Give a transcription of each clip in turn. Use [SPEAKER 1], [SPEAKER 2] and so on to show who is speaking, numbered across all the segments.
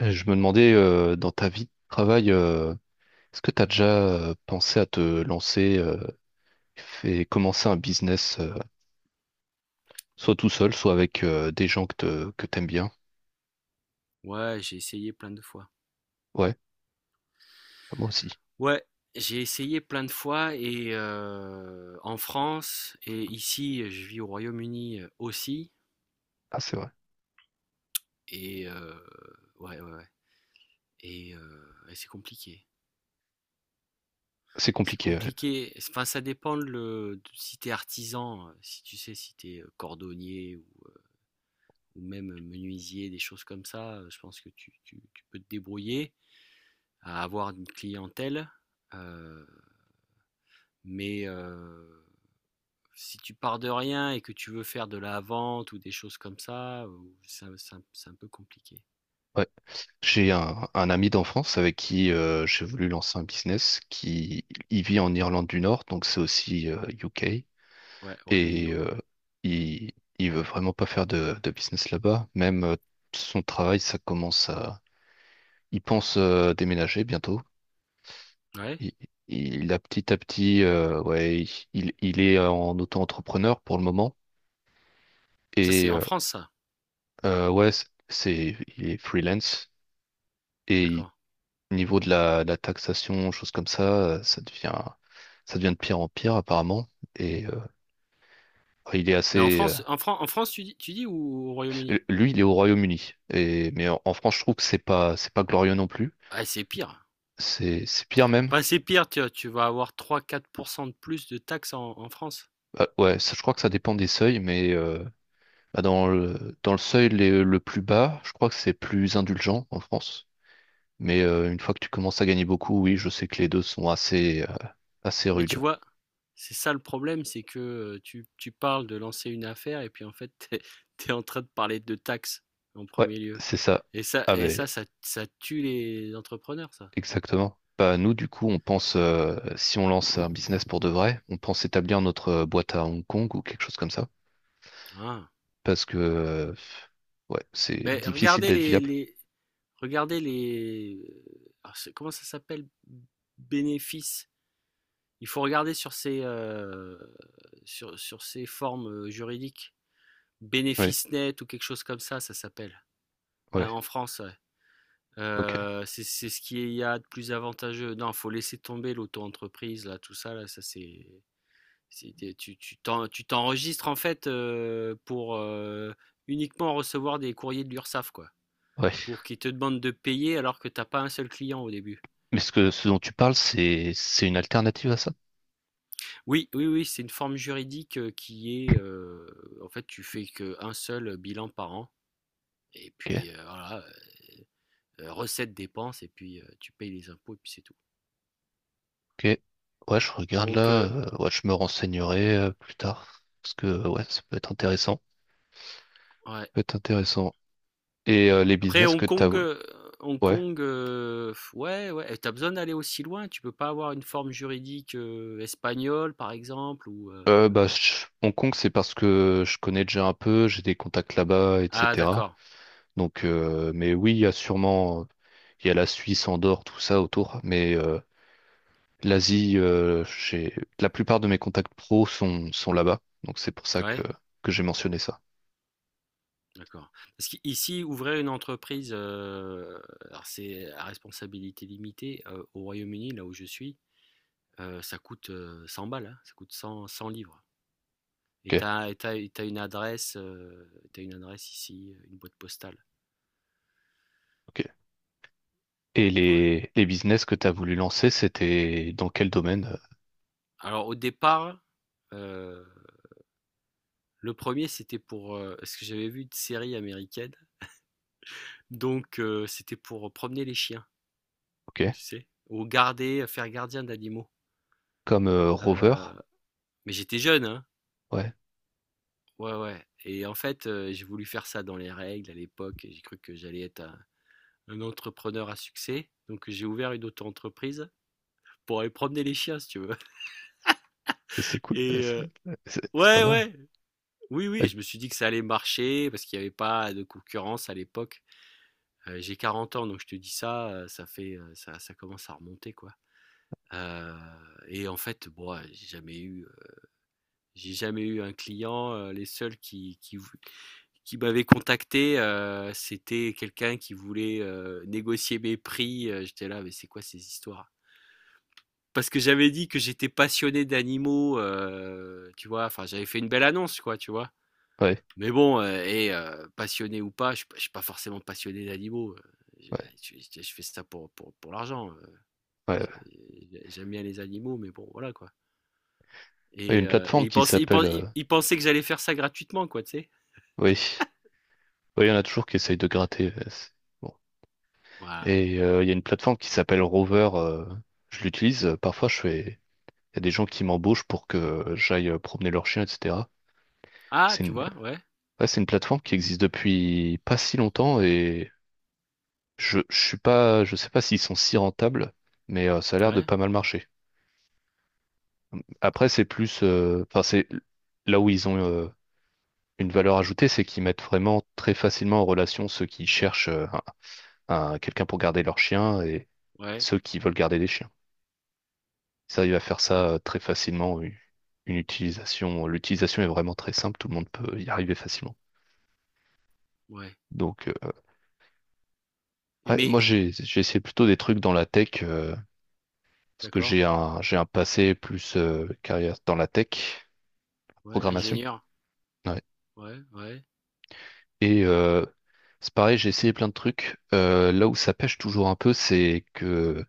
[SPEAKER 1] Je me demandais, dans ta vie de travail, est-ce que tu as déjà pensé à te lancer et commencer un business, soit tout seul, soit avec des gens que t'aimes bien?
[SPEAKER 2] Ouais, j'ai essayé plein de fois.
[SPEAKER 1] Ouais, moi aussi.
[SPEAKER 2] Ouais, j'ai essayé plein de fois et en France et ici, je vis au Royaume-Uni aussi.
[SPEAKER 1] Ah, c'est vrai.
[SPEAKER 2] Et ouais. Et, c'est compliqué.
[SPEAKER 1] C'est
[SPEAKER 2] C'est
[SPEAKER 1] compliqué. Ouais.
[SPEAKER 2] compliqué. Enfin, ça dépend si t'es artisan, si tu sais, si t'es cordonnier ou même menuisier, des choses comme ça. Je pense que tu peux te débrouiller à avoir une clientèle. Euh, mais si tu pars de rien et que tu veux faire de la vente ou des choses comme ça, c'est un peu compliqué.
[SPEAKER 1] Ouais. J'ai un ami d'enfance avec qui j'ai voulu lancer un business qui il vit en Irlande du Nord, donc c'est aussi UK.
[SPEAKER 2] Ouais, au Royaume-Uni,
[SPEAKER 1] Et
[SPEAKER 2] ouais.
[SPEAKER 1] euh, il, il veut vraiment pas faire de business là-bas. Même son travail, ça commence à il pense déménager bientôt.
[SPEAKER 2] Ouais,
[SPEAKER 1] Il, il a petit à petit, ouais, il est en auto-entrepreneur pour le moment.
[SPEAKER 2] ça
[SPEAKER 1] Et
[SPEAKER 2] c'est en
[SPEAKER 1] euh,
[SPEAKER 2] France, ça.
[SPEAKER 1] ouais, il est freelance. Et il-
[SPEAKER 2] D'accord.
[SPEAKER 1] niveau de la taxation, choses comme ça, euh, ça devient, ça devient de pire en pire apparemment. Et euh, il est
[SPEAKER 2] Mais En France, tu dis ou au Royaume-Uni?
[SPEAKER 1] lui, il est au Royaume-Uni. Et mais en France, je trouve que c'est pas glorieux non plus.
[SPEAKER 2] Ah, c'est pire.
[SPEAKER 1] C'est pire même.
[SPEAKER 2] Enfin, c'est pire, tu vas avoir 3-4% de plus de taxes en France.
[SPEAKER 1] Ouais, ça, je crois que ça dépend des seuils, bah, dans le seuil le plus bas, je crois que c'est plus indulgent en France. Une fois que tu commences à gagner beaucoup, oui, je sais que les deux sont assez
[SPEAKER 2] Mais tu
[SPEAKER 1] rudes.
[SPEAKER 2] vois, c'est ça le problème, c'est que tu parles de lancer une affaire et puis en fait, t'es en train de parler de taxes en
[SPEAKER 1] Ouais,
[SPEAKER 2] premier lieu.
[SPEAKER 1] c'est ça. Ah
[SPEAKER 2] Et
[SPEAKER 1] ben,
[SPEAKER 2] ça, ça, ça tue les entrepreneurs, ça.
[SPEAKER 1] exactement. Bah, nous, du coup, on pense, si on lance un business pour de vrai, on pense établir notre boîte à Hong Kong ou quelque chose comme ça.
[SPEAKER 2] Ah.
[SPEAKER 1] Parce que, euh, ouais, c'est
[SPEAKER 2] Mais
[SPEAKER 1] difficile d'être viable.
[SPEAKER 2] regardez les ah, c'est- comment ça s'appelle? Bénéfices. Il faut regarder sur ces sur ces formes juridiques.
[SPEAKER 1] Ouais,
[SPEAKER 2] Bénéfice net ou quelque chose comme ça s'appelle. Ouais,
[SPEAKER 1] ouais,
[SPEAKER 2] en France, ouais.
[SPEAKER 1] ok.
[SPEAKER 2] C'est ce qu'il y a de plus avantageux. Non, faut laisser tomber l'auto-entreprise, là, tout ça, là, ça c'est. Tu t'enregistres en fait pour uniquement recevoir des courriers de l'URSSAF, quoi.
[SPEAKER 1] Ouais.
[SPEAKER 2] Pour qu'ils te demandent de payer alors que t'as pas un seul client au début.
[SPEAKER 1] Mais ce que, ce dont tu parles, c'est une alternative à ça?
[SPEAKER 2] Oui, oui, oui, c'est une forme juridique qui est, en fait, tu fais qu'un seul bilan par an, et
[SPEAKER 1] Ok.
[SPEAKER 2] puis voilà, recettes, dépenses, et puis tu payes les impôts, et puis c'est tout.
[SPEAKER 1] Ok. Ouais, je regarde
[SPEAKER 2] Donc,
[SPEAKER 1] là. Ouais, je me renseignerai plus tard. Parce que ouais, ça peut être intéressant. Ça
[SPEAKER 2] ouais.
[SPEAKER 1] peut être intéressant. Et les
[SPEAKER 2] Après,
[SPEAKER 1] business que t'as.
[SPEAKER 2] Hong
[SPEAKER 1] Ouais.
[SPEAKER 2] Kong, ouais, t'as besoin d'aller aussi loin, tu peux pas avoir une forme juridique espagnole, par exemple, ou...
[SPEAKER 1] Bah, Hong Kong, c'est parce que je connais déjà un peu, j'ai des contacts là-bas,
[SPEAKER 2] Ah,
[SPEAKER 1] etc.
[SPEAKER 2] d'accord,
[SPEAKER 1] Donc, mais oui, il y a la Suisse, Andorre, tout ça autour. L'Asie, la plupart de mes contacts pro sont là-bas, donc c'est pour ça
[SPEAKER 2] ouais.
[SPEAKER 1] que j'ai mentionné ça.
[SPEAKER 2] D'accord. Parce qu'ici, ouvrir une entreprise, alors c'est à responsabilité limitée, au Royaume-Uni, là où je suis, ça coûte, 100 balles, hein, ça coûte 100-100 £.
[SPEAKER 1] Ok,
[SPEAKER 2] Et t'as, as et tu une adresse ici, une boîte postale.
[SPEAKER 1] ok. Et
[SPEAKER 2] Ouais.
[SPEAKER 1] les business que tu as voulu lancer, c'était dans quel domaine?
[SPEAKER 2] Alors au départ, heu, le premier c'était pour, parce que j'avais vu une série américaine, donc c'était pour promener les chiens,
[SPEAKER 1] Ok.
[SPEAKER 2] tu sais? Ou garder, faire gardien d'animaux.
[SPEAKER 1] Comme Rover?
[SPEAKER 2] Heu, mais j'étais jeune, hein.
[SPEAKER 1] Ouais.
[SPEAKER 2] Ouais. Et en fait, j'ai voulu faire ça dans les règles à l'époque. J'ai cru que j'allais être un entrepreneur à succès. Donc, j'ai ouvert une auto-entreprise pour aller promener les chiens, si tu veux.
[SPEAKER 1] Et c'est cool,
[SPEAKER 2] Et euh,
[SPEAKER 1] c'est pas
[SPEAKER 2] ouais,
[SPEAKER 1] mal.
[SPEAKER 2] ouais. Oui,
[SPEAKER 1] Euh,
[SPEAKER 2] oui. Je me suis dit que ça allait marcher parce qu'il n'y avait pas de concurrence à l'époque. J'ai 40 ans, donc je te dis ça, ça fait, ça commence à remonter, quoi. Euh, et en fait, bon, ouais, J'ai jamais eu un client. Les seuls qui, vou- qui m'avaient contacté, c'était quelqu'un qui voulait négocier mes prix. J'étais là, mais c'est quoi ces histoires? Parce que j'avais dit que j'étais passionné d'animaux, tu vois. Enfin, j'avais fait une belle annonce, quoi, tu vois.
[SPEAKER 1] Ouais,
[SPEAKER 2] Mais bon, passionné ou pas, je suis pas forcément passionné d'animaux.
[SPEAKER 1] ouais,
[SPEAKER 2] Je fais ça pour l'argent.
[SPEAKER 1] ouais. Ouais.
[SPEAKER 2] J'aime bien les animaux, mais bon, voilà, quoi.
[SPEAKER 1] Il y a une
[SPEAKER 2] Et
[SPEAKER 1] plateforme
[SPEAKER 2] il
[SPEAKER 1] qui
[SPEAKER 2] pensait, il
[SPEAKER 1] s'appelle.
[SPEAKER 2] pen-
[SPEAKER 1] euh,
[SPEAKER 2] il pensait que j'allais faire ça gratuitement, quoi, tu sais.
[SPEAKER 1] Oui. Oui, il y en a toujours qui essayent de gratter. Bon.
[SPEAKER 2] Voilà.
[SPEAKER 1] Et il y a une plateforme qui s'appelle Rover. Je l'utilise. Parfois, je fais. Il y a des gens qui m'embauchent pour que j'aille promener leur chien, etc.
[SPEAKER 2] Ah,
[SPEAKER 1] C'est
[SPEAKER 2] tu
[SPEAKER 1] une...
[SPEAKER 2] vois? Ouais,
[SPEAKER 1] ouais, c'est une plateforme qui existe depuis pas si longtemps et je suis pas, je sais pas s'ils sont si rentables, ça a l'air de
[SPEAKER 2] ouais,
[SPEAKER 1] pas mal marcher. Après, enfin, c'est là où ils ont une valeur ajoutée, c'est qu'ils mettent vraiment très facilement en relation ceux qui cherchent quelqu'un pour garder leur chien et
[SPEAKER 2] ouais,
[SPEAKER 1] ceux qui veulent garder des chiens. Ils arrivent à faire
[SPEAKER 2] ouais,
[SPEAKER 1] ça très facilement. L'utilisation est vraiment très simple. Tout le monde peut y arriver facilement.
[SPEAKER 2] ouais,
[SPEAKER 1] Donc,
[SPEAKER 2] et
[SPEAKER 1] ouais,
[SPEAKER 2] mais
[SPEAKER 1] moi, j'ai essayé plutôt des trucs dans la tech parce que
[SPEAKER 2] d'accord,
[SPEAKER 1] j'ai un passé plus carrière dans la tech,
[SPEAKER 2] ouais,
[SPEAKER 1] programmation.
[SPEAKER 2] ingénieur,
[SPEAKER 1] Ouais.
[SPEAKER 2] ouais, ouais,
[SPEAKER 1] Et euh, c'est pareil, j'ai essayé plein de trucs. Là où ça pêche toujours un peu, c'est que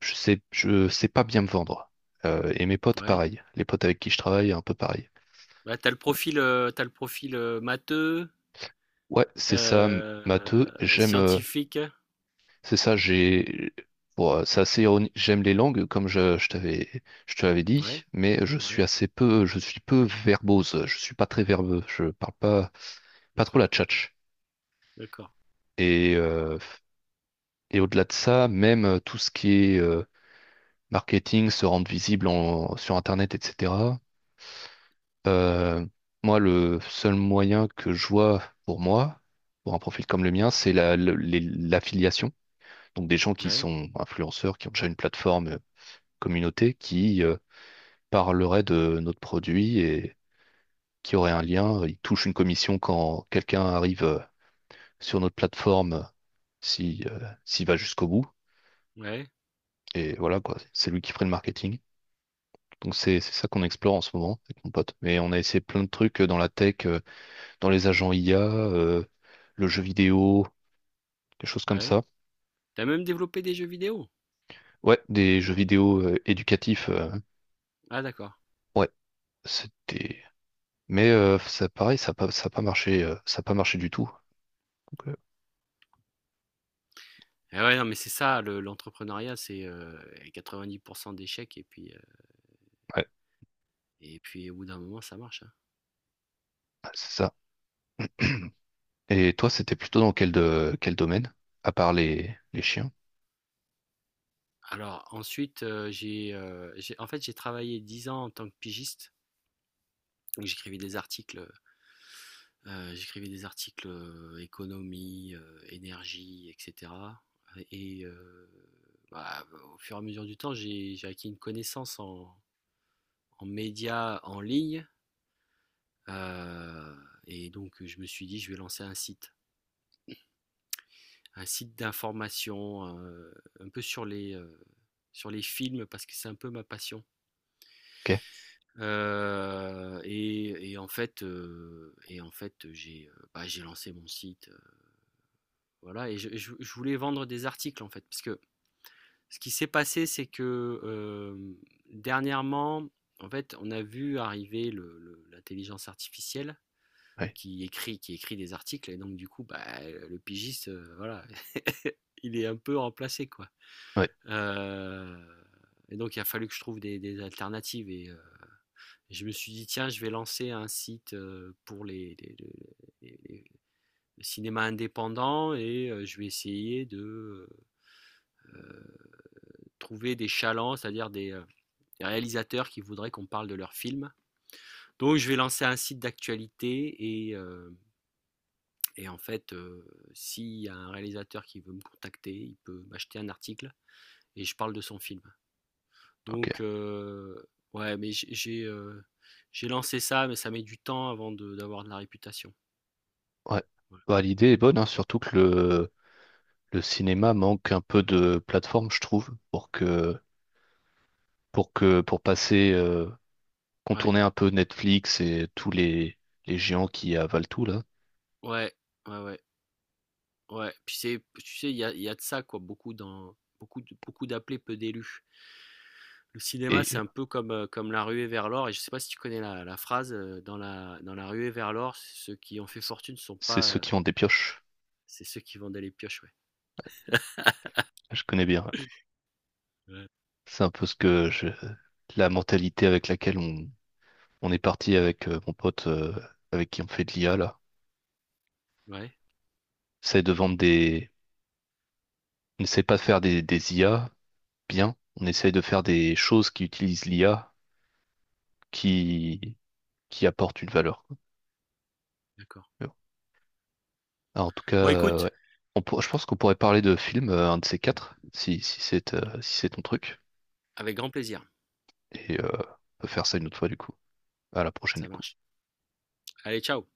[SPEAKER 1] je sais pas bien me vendre. Et mes potes,
[SPEAKER 2] ouais.
[SPEAKER 1] pareil. Les potes avec qui je travaille, un peu pareil.
[SPEAKER 2] Bah, tu le profil, matheux,
[SPEAKER 1] Ouais, c'est ça,
[SPEAKER 2] heu,
[SPEAKER 1] matheux. J'aime.
[SPEAKER 2] scientifique.
[SPEAKER 1] C'est ça, j'ai. Bon, c'est assez ironique. J'aime les langues, comme je te l'avais dit,
[SPEAKER 2] Ouais,
[SPEAKER 1] mais je suis
[SPEAKER 2] ouais,
[SPEAKER 1] assez peu, je suis peu verbose. Je suis pas très verbeux. Je parle pas, pas trop
[SPEAKER 2] d'accord,
[SPEAKER 1] la tchatche.
[SPEAKER 2] d'accord.
[SPEAKER 1] Et, euh, et au-delà de ça, même tout ce qui est marketing, se rendre visible sur Internet, etc. euh, moi, le seul moyen que je vois pour moi, pour un profil comme le mien, c'est l'affiliation. Donc des gens qui
[SPEAKER 2] Ouais,
[SPEAKER 1] sont influenceurs, qui ont déjà une plateforme communauté, qui parlerait de notre produit et qui aurait un lien. Il touche une commission quand quelqu'un arrive sur notre plateforme, si, s'il va jusqu'au bout.
[SPEAKER 2] ouais,
[SPEAKER 1] Et voilà, quoi, c'est lui qui ferait le marketing. Donc c'est ça qu'on explore en ce moment avec mon pote. Mais on a essayé plein de trucs dans la tech, dans les agents IA, le jeu vidéo, quelque chose comme
[SPEAKER 2] ouais.
[SPEAKER 1] ça.
[SPEAKER 2] T'as même développé des jeux vidéo?
[SPEAKER 1] Ouais, des jeux vidéo éducatifs.
[SPEAKER 2] Ah d'accord.
[SPEAKER 1] Ouais, c'était. Ça, pareil, ça a pas marché, ça a pas marché du tout. Donc,
[SPEAKER 2] Ah ouais, non, mais c'est ça le l'entrepreneuriat, c'est, 90 d'échecs
[SPEAKER 1] ouais,
[SPEAKER 2] et puis au bout d'un moment, ça marche, hein.
[SPEAKER 1] c'est ça. Et toi, c'était plutôt dans quel domaine? À part les chiens?
[SPEAKER 2] Alors ensuite, j'ai travaillé 10 ans en tant que pigiste. Donc j'écrivais des articles, économie, énergie et cetera et bah, au fur et à mesure du temps, j'ai acquis une connaissance en en médias en ligne, heu et donc je me suis dit: «Je vais lancer un site». Un site d'information, un peu sur les films parce que c'est un peu ma passion.
[SPEAKER 1] Ok,
[SPEAKER 2] Et en fait, J'ai, bah, j'ai lancé mon site, voilà et je voulais vendre des articles, en fait. Parce que ce qui s'est passé, c'est que, hem, dernièrement, en fait, on a vu arriver le l'intelligence artificielle
[SPEAKER 1] ouais,
[SPEAKER 2] qui écrit des articles et donc du coup, bah, le pigiste, voilà, il est un peu remplacé, quoi.
[SPEAKER 1] ouais,
[SPEAKER 2] Heu et donc il a fallu que je trouve des alternatives et je me suis dit, tiens, je vais lancer un site pour les- les- le cinéma indépendant et je vais essayer de euh, trouver des chalands, c'est-à-dire des réalisateurs qui voudraient qu'on parle de leurs films. Donc, je vais lancer un site d'actualité et, en fait, s'il y a un réalisateur qui veut me contacter, il peut m'acheter un article et je parle de son film.
[SPEAKER 1] ok,
[SPEAKER 2] Donc, ouais, mais j'ai lancé ça, mais ça met du temps d'avoir de la réputation.
[SPEAKER 1] ouais.
[SPEAKER 2] Voilà.
[SPEAKER 1] Bah, l'idée est bonne, hein, surtout que le cinéma manque un peu de plateforme, je trouve, pour passer,
[SPEAKER 2] Ouais.
[SPEAKER 1] contourner un peu Netflix et tous les géants qui avalent tout, là.
[SPEAKER 2] Ouais, ouais, ouais, ouais. Puis c'est, tu sais, il y a de ça, quoi, beaucoup dans, beaucoup de- beaucoup d'appelés, peu d'élus. Le cinéma, c'est
[SPEAKER 1] Et
[SPEAKER 2] un peu comme, comme la ruée vers l'or, et je sais pas si tu connais la phrase, dans la ruée vers l'or, ceux qui ont fait
[SPEAKER 1] c-
[SPEAKER 2] fortune sont
[SPEAKER 1] c'est
[SPEAKER 2] pas,
[SPEAKER 1] ceux qui ont des pioches.
[SPEAKER 2] c'est ceux qui vendaient les pioches, ouais.
[SPEAKER 1] Je connais bien.
[SPEAKER 2] Ouais.
[SPEAKER 1] C'est un peu ce que la mentalité avec laquelle on est parti avec mon pote, avec qui on fait de l'IA, là.
[SPEAKER 2] Ouais,
[SPEAKER 1] C'est de vendre des on n'essaie pas de faire des IA bien, on essaie de faire des choses qui utilisent l'IA qui, qui apportent une valeur. Quoi.
[SPEAKER 2] d'accord.
[SPEAKER 1] Tu vois. Alors, en tout cas,
[SPEAKER 2] Bon, écoute,
[SPEAKER 1] ouais. Je pense qu'on pourrait parler de films, un de ces quatre, si, si c'est si c'est ton truc.
[SPEAKER 2] avec grand plaisir,
[SPEAKER 1] Et on peut faire ça une autre fois du coup. À la prochaine
[SPEAKER 2] ça
[SPEAKER 1] du coup.
[SPEAKER 2] marche. Allez, ciao.